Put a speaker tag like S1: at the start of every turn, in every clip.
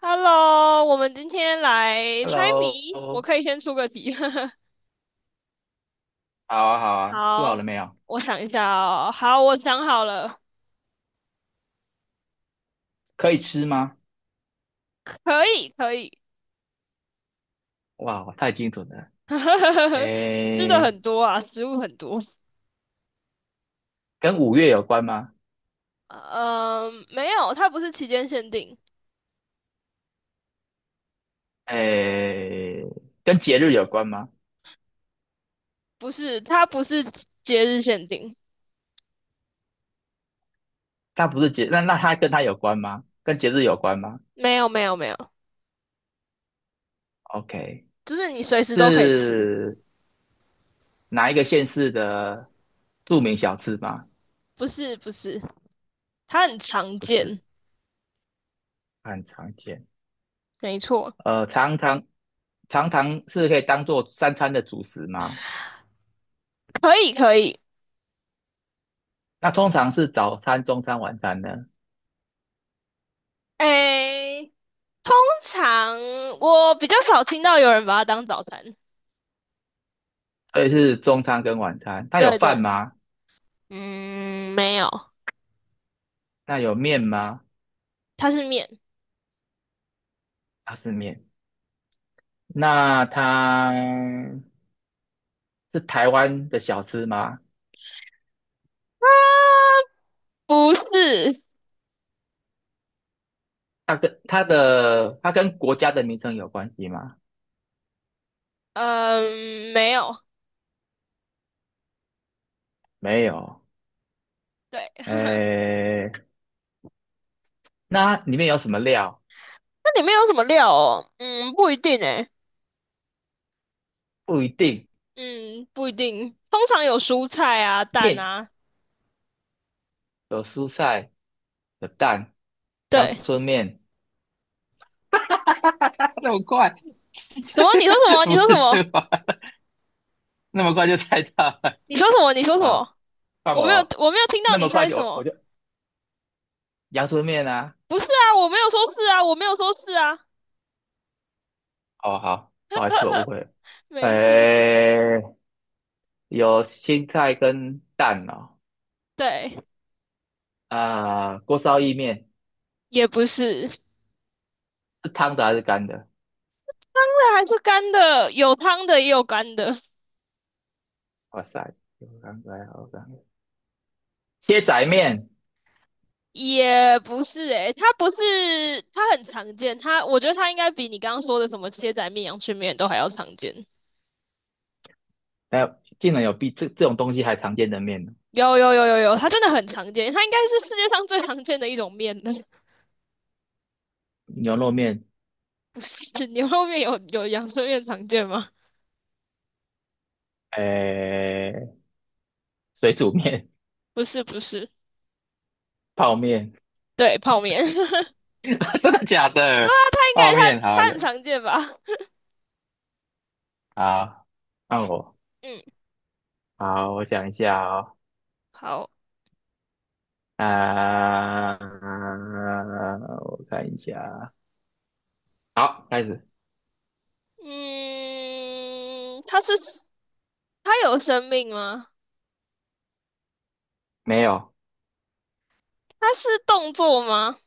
S1: Hello,我们今天来猜
S2: Hello，
S1: 谜，我
S2: 好
S1: 可以先出个题。
S2: 啊，好啊，做好了
S1: 好，
S2: 没有？
S1: 我想一下哦。好，我想好了，
S2: 可以吃吗？
S1: 可以，可以。
S2: 哇，太精准了。
S1: 吃的
S2: 诶，
S1: 很多啊，食物很多。
S2: 跟五月有关吗？
S1: 嗯，没有，它不是期间限定，
S2: 诶，跟节日有关吗？
S1: 不是，它不是节日限定，
S2: 它不是节，那它跟它有关吗？跟节日有关吗
S1: 没有，没有，没有，
S2: ？OK，
S1: 就是你随时都可以吃。
S2: 是哪一个县市的著名小吃吗？
S1: 不是，不是，它很常
S2: 不
S1: 见，
S2: 是，很常见。
S1: 没错，
S2: 呃，常常常常是可以当做三餐的主食吗？
S1: 可以，可以。
S2: 那通常是早餐、中餐、晚餐呢？
S1: 诶。通常我比较少听到有人把它当早餐。
S2: 所以是中餐跟晚餐。它有
S1: 对
S2: 饭
S1: 对，
S2: 吗？
S1: 嗯，没有，
S2: 那有面吗？
S1: 它是面，
S2: 它是面。那它是台湾的小吃吗？
S1: 啊，不是，
S2: 它跟国家的名称有关系吗？
S1: 嗯，没有。
S2: 没有。
S1: 对，
S2: 诶，那它里面有什么料？
S1: 那里面有什么料哦？嗯，不一定诶。
S2: 不一定。
S1: 嗯，不一定。通常有蔬菜啊、蛋
S2: 面
S1: 啊。
S2: 有蔬菜，有蛋，阳
S1: 对，
S2: 春面。那么快，
S1: 什么？你说什 么？你
S2: 不
S1: 说什
S2: 是这
S1: 么？
S2: 个吧。 那么快就猜到了。
S1: 你说什么？你说什
S2: 好，
S1: 么？
S2: 换
S1: 我没有，
S2: 我。
S1: 我没有听到
S2: 那
S1: 你
S2: 么快
S1: 猜
S2: 就
S1: 什
S2: 我
S1: 么。
S2: 就阳春面啊。
S1: 不是啊，我没有说是啊，我没有说是啊。
S2: 哦，好，不好意思，我误会了。
S1: 没事。
S2: 诶，有青菜跟蛋哦。
S1: 对，
S2: 啊、锅烧意面
S1: 也不是。
S2: 是汤的还是干的？
S1: 还是干的，有汤的也有干的，
S2: 哇塞，有干的，有干的。切仔面，
S1: 也不是诶、它不是，它很常见，它我觉得它应该比你刚刚说的什么切仔面、阳春面都还要常见。
S2: 哎、竟然有比这种东西还常见的面呢？
S1: 有有有有有，它真的很常见，它应该是世界上最常见的一种面了。
S2: 牛肉面，
S1: 不是牛肉面有阳春面常见吗？
S2: 诶，水煮面，
S1: 不是不是，
S2: 泡面，
S1: 对，泡面。对
S2: 真的假
S1: 啊，
S2: 的？
S1: 它应该
S2: 泡
S1: 它
S2: 面，好
S1: 它
S2: 有，
S1: 很常见吧？
S2: 好，换我，
S1: 嗯，
S2: 好，我想一下哦。
S1: 好，
S2: 啊、我看一下，好，开始。
S1: 嗯，它有生命吗？
S2: 没有，
S1: 它是动作吗？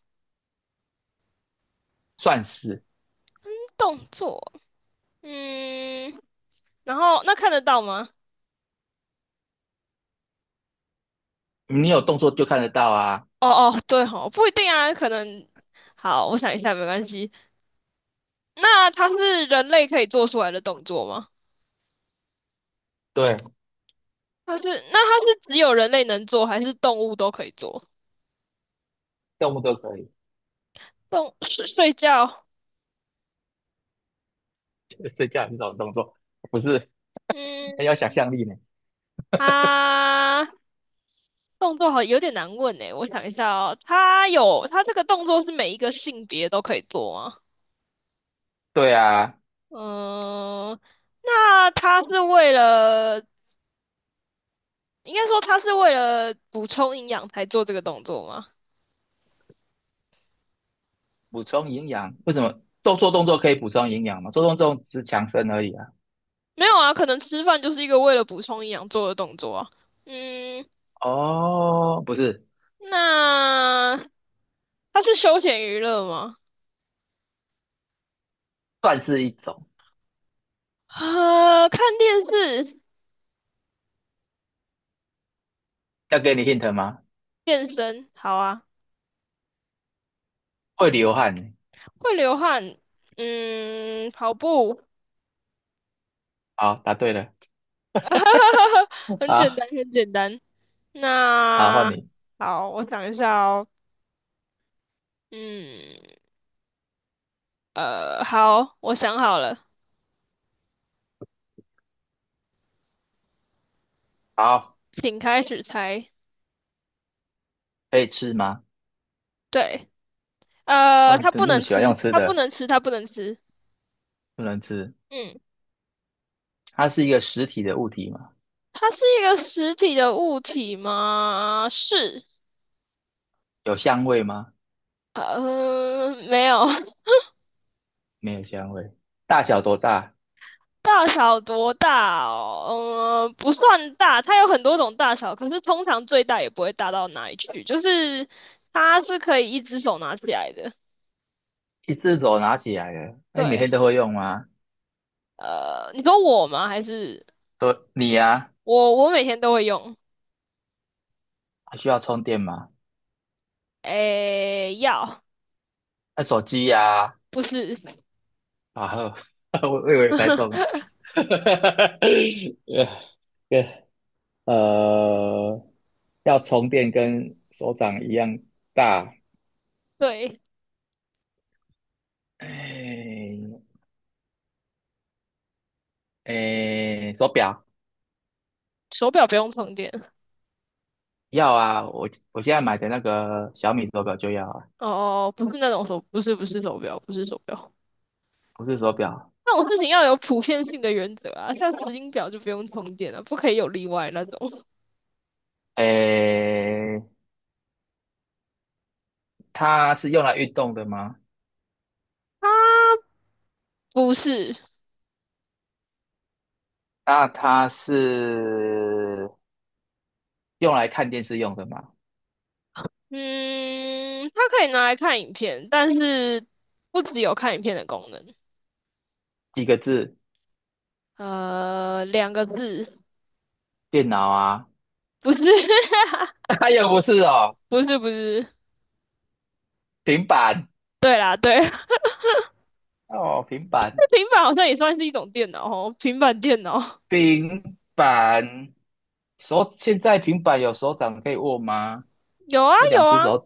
S2: 算是
S1: 动作，嗯，然后那看得到吗？
S2: 你有动作就看得到啊。
S1: 哦哦，对哦，不一定啊，可能。好，我想一下，没关系。那它是人类可以做出来的动作吗？
S2: 对，
S1: 它是，那它是只有人类能做，还是动物都可以做？
S2: 动物都可以，
S1: 睡觉
S2: 睡觉也是种动作，不是很有想
S1: 嗯，
S2: 象力呢。
S1: 它动作好有点难问诶，我想一下哦，它有，它这个动作是每一个性别都可以做吗？
S2: 对啊，
S1: 嗯，那它是为了应该说他是为了补充营养才做这个动作吗？
S2: 补充营养，为什么做做动作可以补充营养吗？做动作只是强身而已啊。
S1: 没有啊，可能吃饭就是一个为了补充营养做的动作啊。嗯，
S2: 哦，不是，
S1: 那它是休闲娱乐吗？
S2: 算是一种。
S1: 看电视、
S2: 要给你 hint 吗？
S1: 健身，好啊。
S2: 会流汗呢。
S1: 会流汗，嗯，跑步，
S2: 好，答对了。
S1: 很简
S2: 好，
S1: 单，很简单。
S2: 好，换
S1: 那
S2: 你。
S1: 好，我想一下哦。嗯，好，我想好了，
S2: 好，
S1: 请开始猜。
S2: 可以吃吗？
S1: 对。
S2: 嗯，
S1: 它不
S2: 那么
S1: 能
S2: 喜欢用
S1: 吃，
S2: 吃
S1: 它不
S2: 的，
S1: 能吃，它不能吃。
S2: 不能吃。
S1: 嗯，
S2: 它是一个实体的物体吗？
S1: 它是一个实体的物体吗？是。
S2: 有香味吗？
S1: 没有。
S2: 没有香味。大小多大？
S1: 大小多大哦？不算大，它有很多种大小，可是通常最大也不会大到哪里去，就是它是可以一只手拿起来的。
S2: 一只手拿起来的。那你每
S1: 对，
S2: 天都会用吗？
S1: 你说我吗？还是
S2: 都你呀、
S1: 我？我每天都会用。
S2: 还需要充电吗？
S1: 诶，要，
S2: 那手机呀、
S1: 不是，
S2: 啊，好，我以为猜中了。呃呃，要充电跟手掌一样大。
S1: 对，
S2: 哎哎，手表
S1: 手表不用充电。
S2: 要啊，我现在买的那个小米手表就要啊，
S1: 哦，哦哦不是那种手，不是不是手表，不是手表。
S2: 不是手表。
S1: 那种事情要有普遍性的原则啊，像时间表就不用充电了，不可以有例外那种。
S2: 哎，它是用来运动的吗？
S1: 它不是，
S2: 那它是用来看电视用的吗？
S1: 嗯，它可以拿来看影片，但是不只有看影片的功能。
S2: 几个字？
S1: 两个字，
S2: 电脑啊？
S1: 不是，
S2: 哎呀，不是哦，
S1: 不是，不是。
S2: 平板
S1: 对啦，对，
S2: 哦，平板，
S1: 那平板好像也算是一种电脑哦，平板电脑
S2: 平板。现在平板有手掌可以握吗？
S1: 有啊
S2: 那
S1: 有
S2: 两只
S1: 啊，
S2: 手，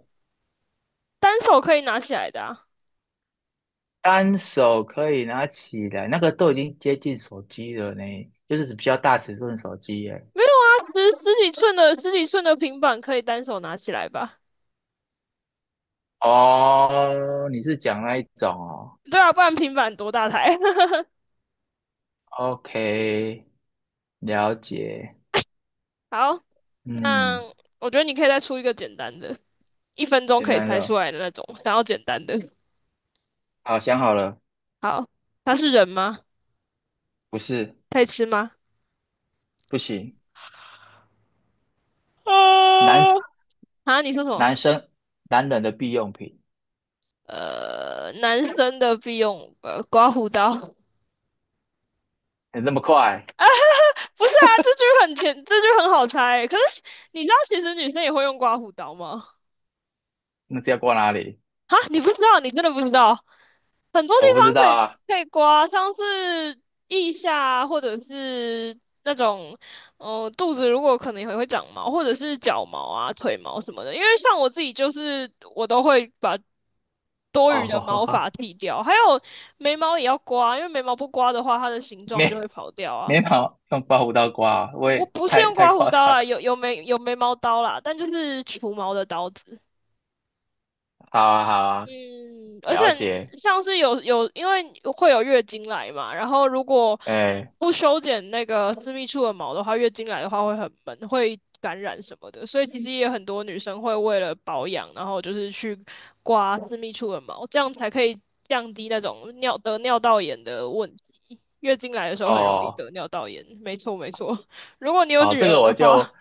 S1: 单手可以拿起来的啊。
S2: 单手可以拿起来，那个都已经接近手机了呢，就是比较大尺寸的手机耶。
S1: 没有啊，十几寸的平板可以单手拿起来吧？
S2: 哦，你是讲那一种哦
S1: 对啊，不然平板多大台？
S2: ？OK，了解。
S1: 好，那
S2: 嗯，
S1: 我觉得你可以再出一个简单的，一分钟
S2: 简
S1: 可以
S2: 单
S1: 猜
S2: 的
S1: 出
S2: 哦。
S1: 来的那种，想要简单的。
S2: 好，想好了，
S1: 好，它是人吗？
S2: 不是，
S1: 可以吃吗？
S2: 不行，
S1: 呃，
S2: 男
S1: 你说什么？
S2: 男生男人的必用品，
S1: 呃，男生的必用刮胡刀，不
S2: 你那么快，
S1: 是啊，这句很好猜。可是你知道，其实女生也会用刮胡刀吗？
S2: 那这要挂哪里？
S1: 啊，你不知道，你真的不知道。很多地
S2: 我不知
S1: 方
S2: 道
S1: 可以
S2: 啊。
S1: 可以刮，像是腋下啊或者是那种，肚子如果可能也会长毛，或者是脚毛啊、腿毛什么的。因为像我自己就是我都会把多余的毛发
S2: 哦，
S1: 剃掉，还有眉毛也要刮，因为眉毛不刮的话，它的形 状就
S2: 眉
S1: 会跑掉
S2: 眉
S1: 啊。
S2: 毛用刮胡刀刮啊，我
S1: 不
S2: 也
S1: 不是
S2: 太
S1: 用
S2: 太
S1: 刮胡
S2: 夸张
S1: 刀啦，
S2: 了。
S1: 有眉毛刀啦，但就是除毛的刀子。
S2: 好啊，好啊，
S1: 嗯，而且
S2: 了解。
S1: 像是有，因为会有月经来嘛，然后如果
S2: 哎，
S1: 不修剪那个私密处的毛的话，月经来的话会很闷，会感染什么的，所以其实也有很多女生会为了保养，然后就是去刮私密处的毛，这样才可以降低那种得尿道炎的问题。月经来的时候很容易
S2: 哦，
S1: 得尿道炎，没错没错。如果你有
S2: 好，
S1: 女
S2: 这
S1: 儿
S2: 个
S1: 的
S2: 我就
S1: 话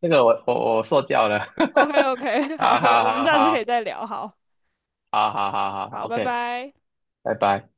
S2: 这个我受教了。
S1: ，OK OK,好，
S2: 好好
S1: 我们
S2: 好
S1: 下次可以
S2: 好
S1: 再聊，好
S2: 好好好好好
S1: 好，拜
S2: ，OK，
S1: 拜。
S2: 拜拜。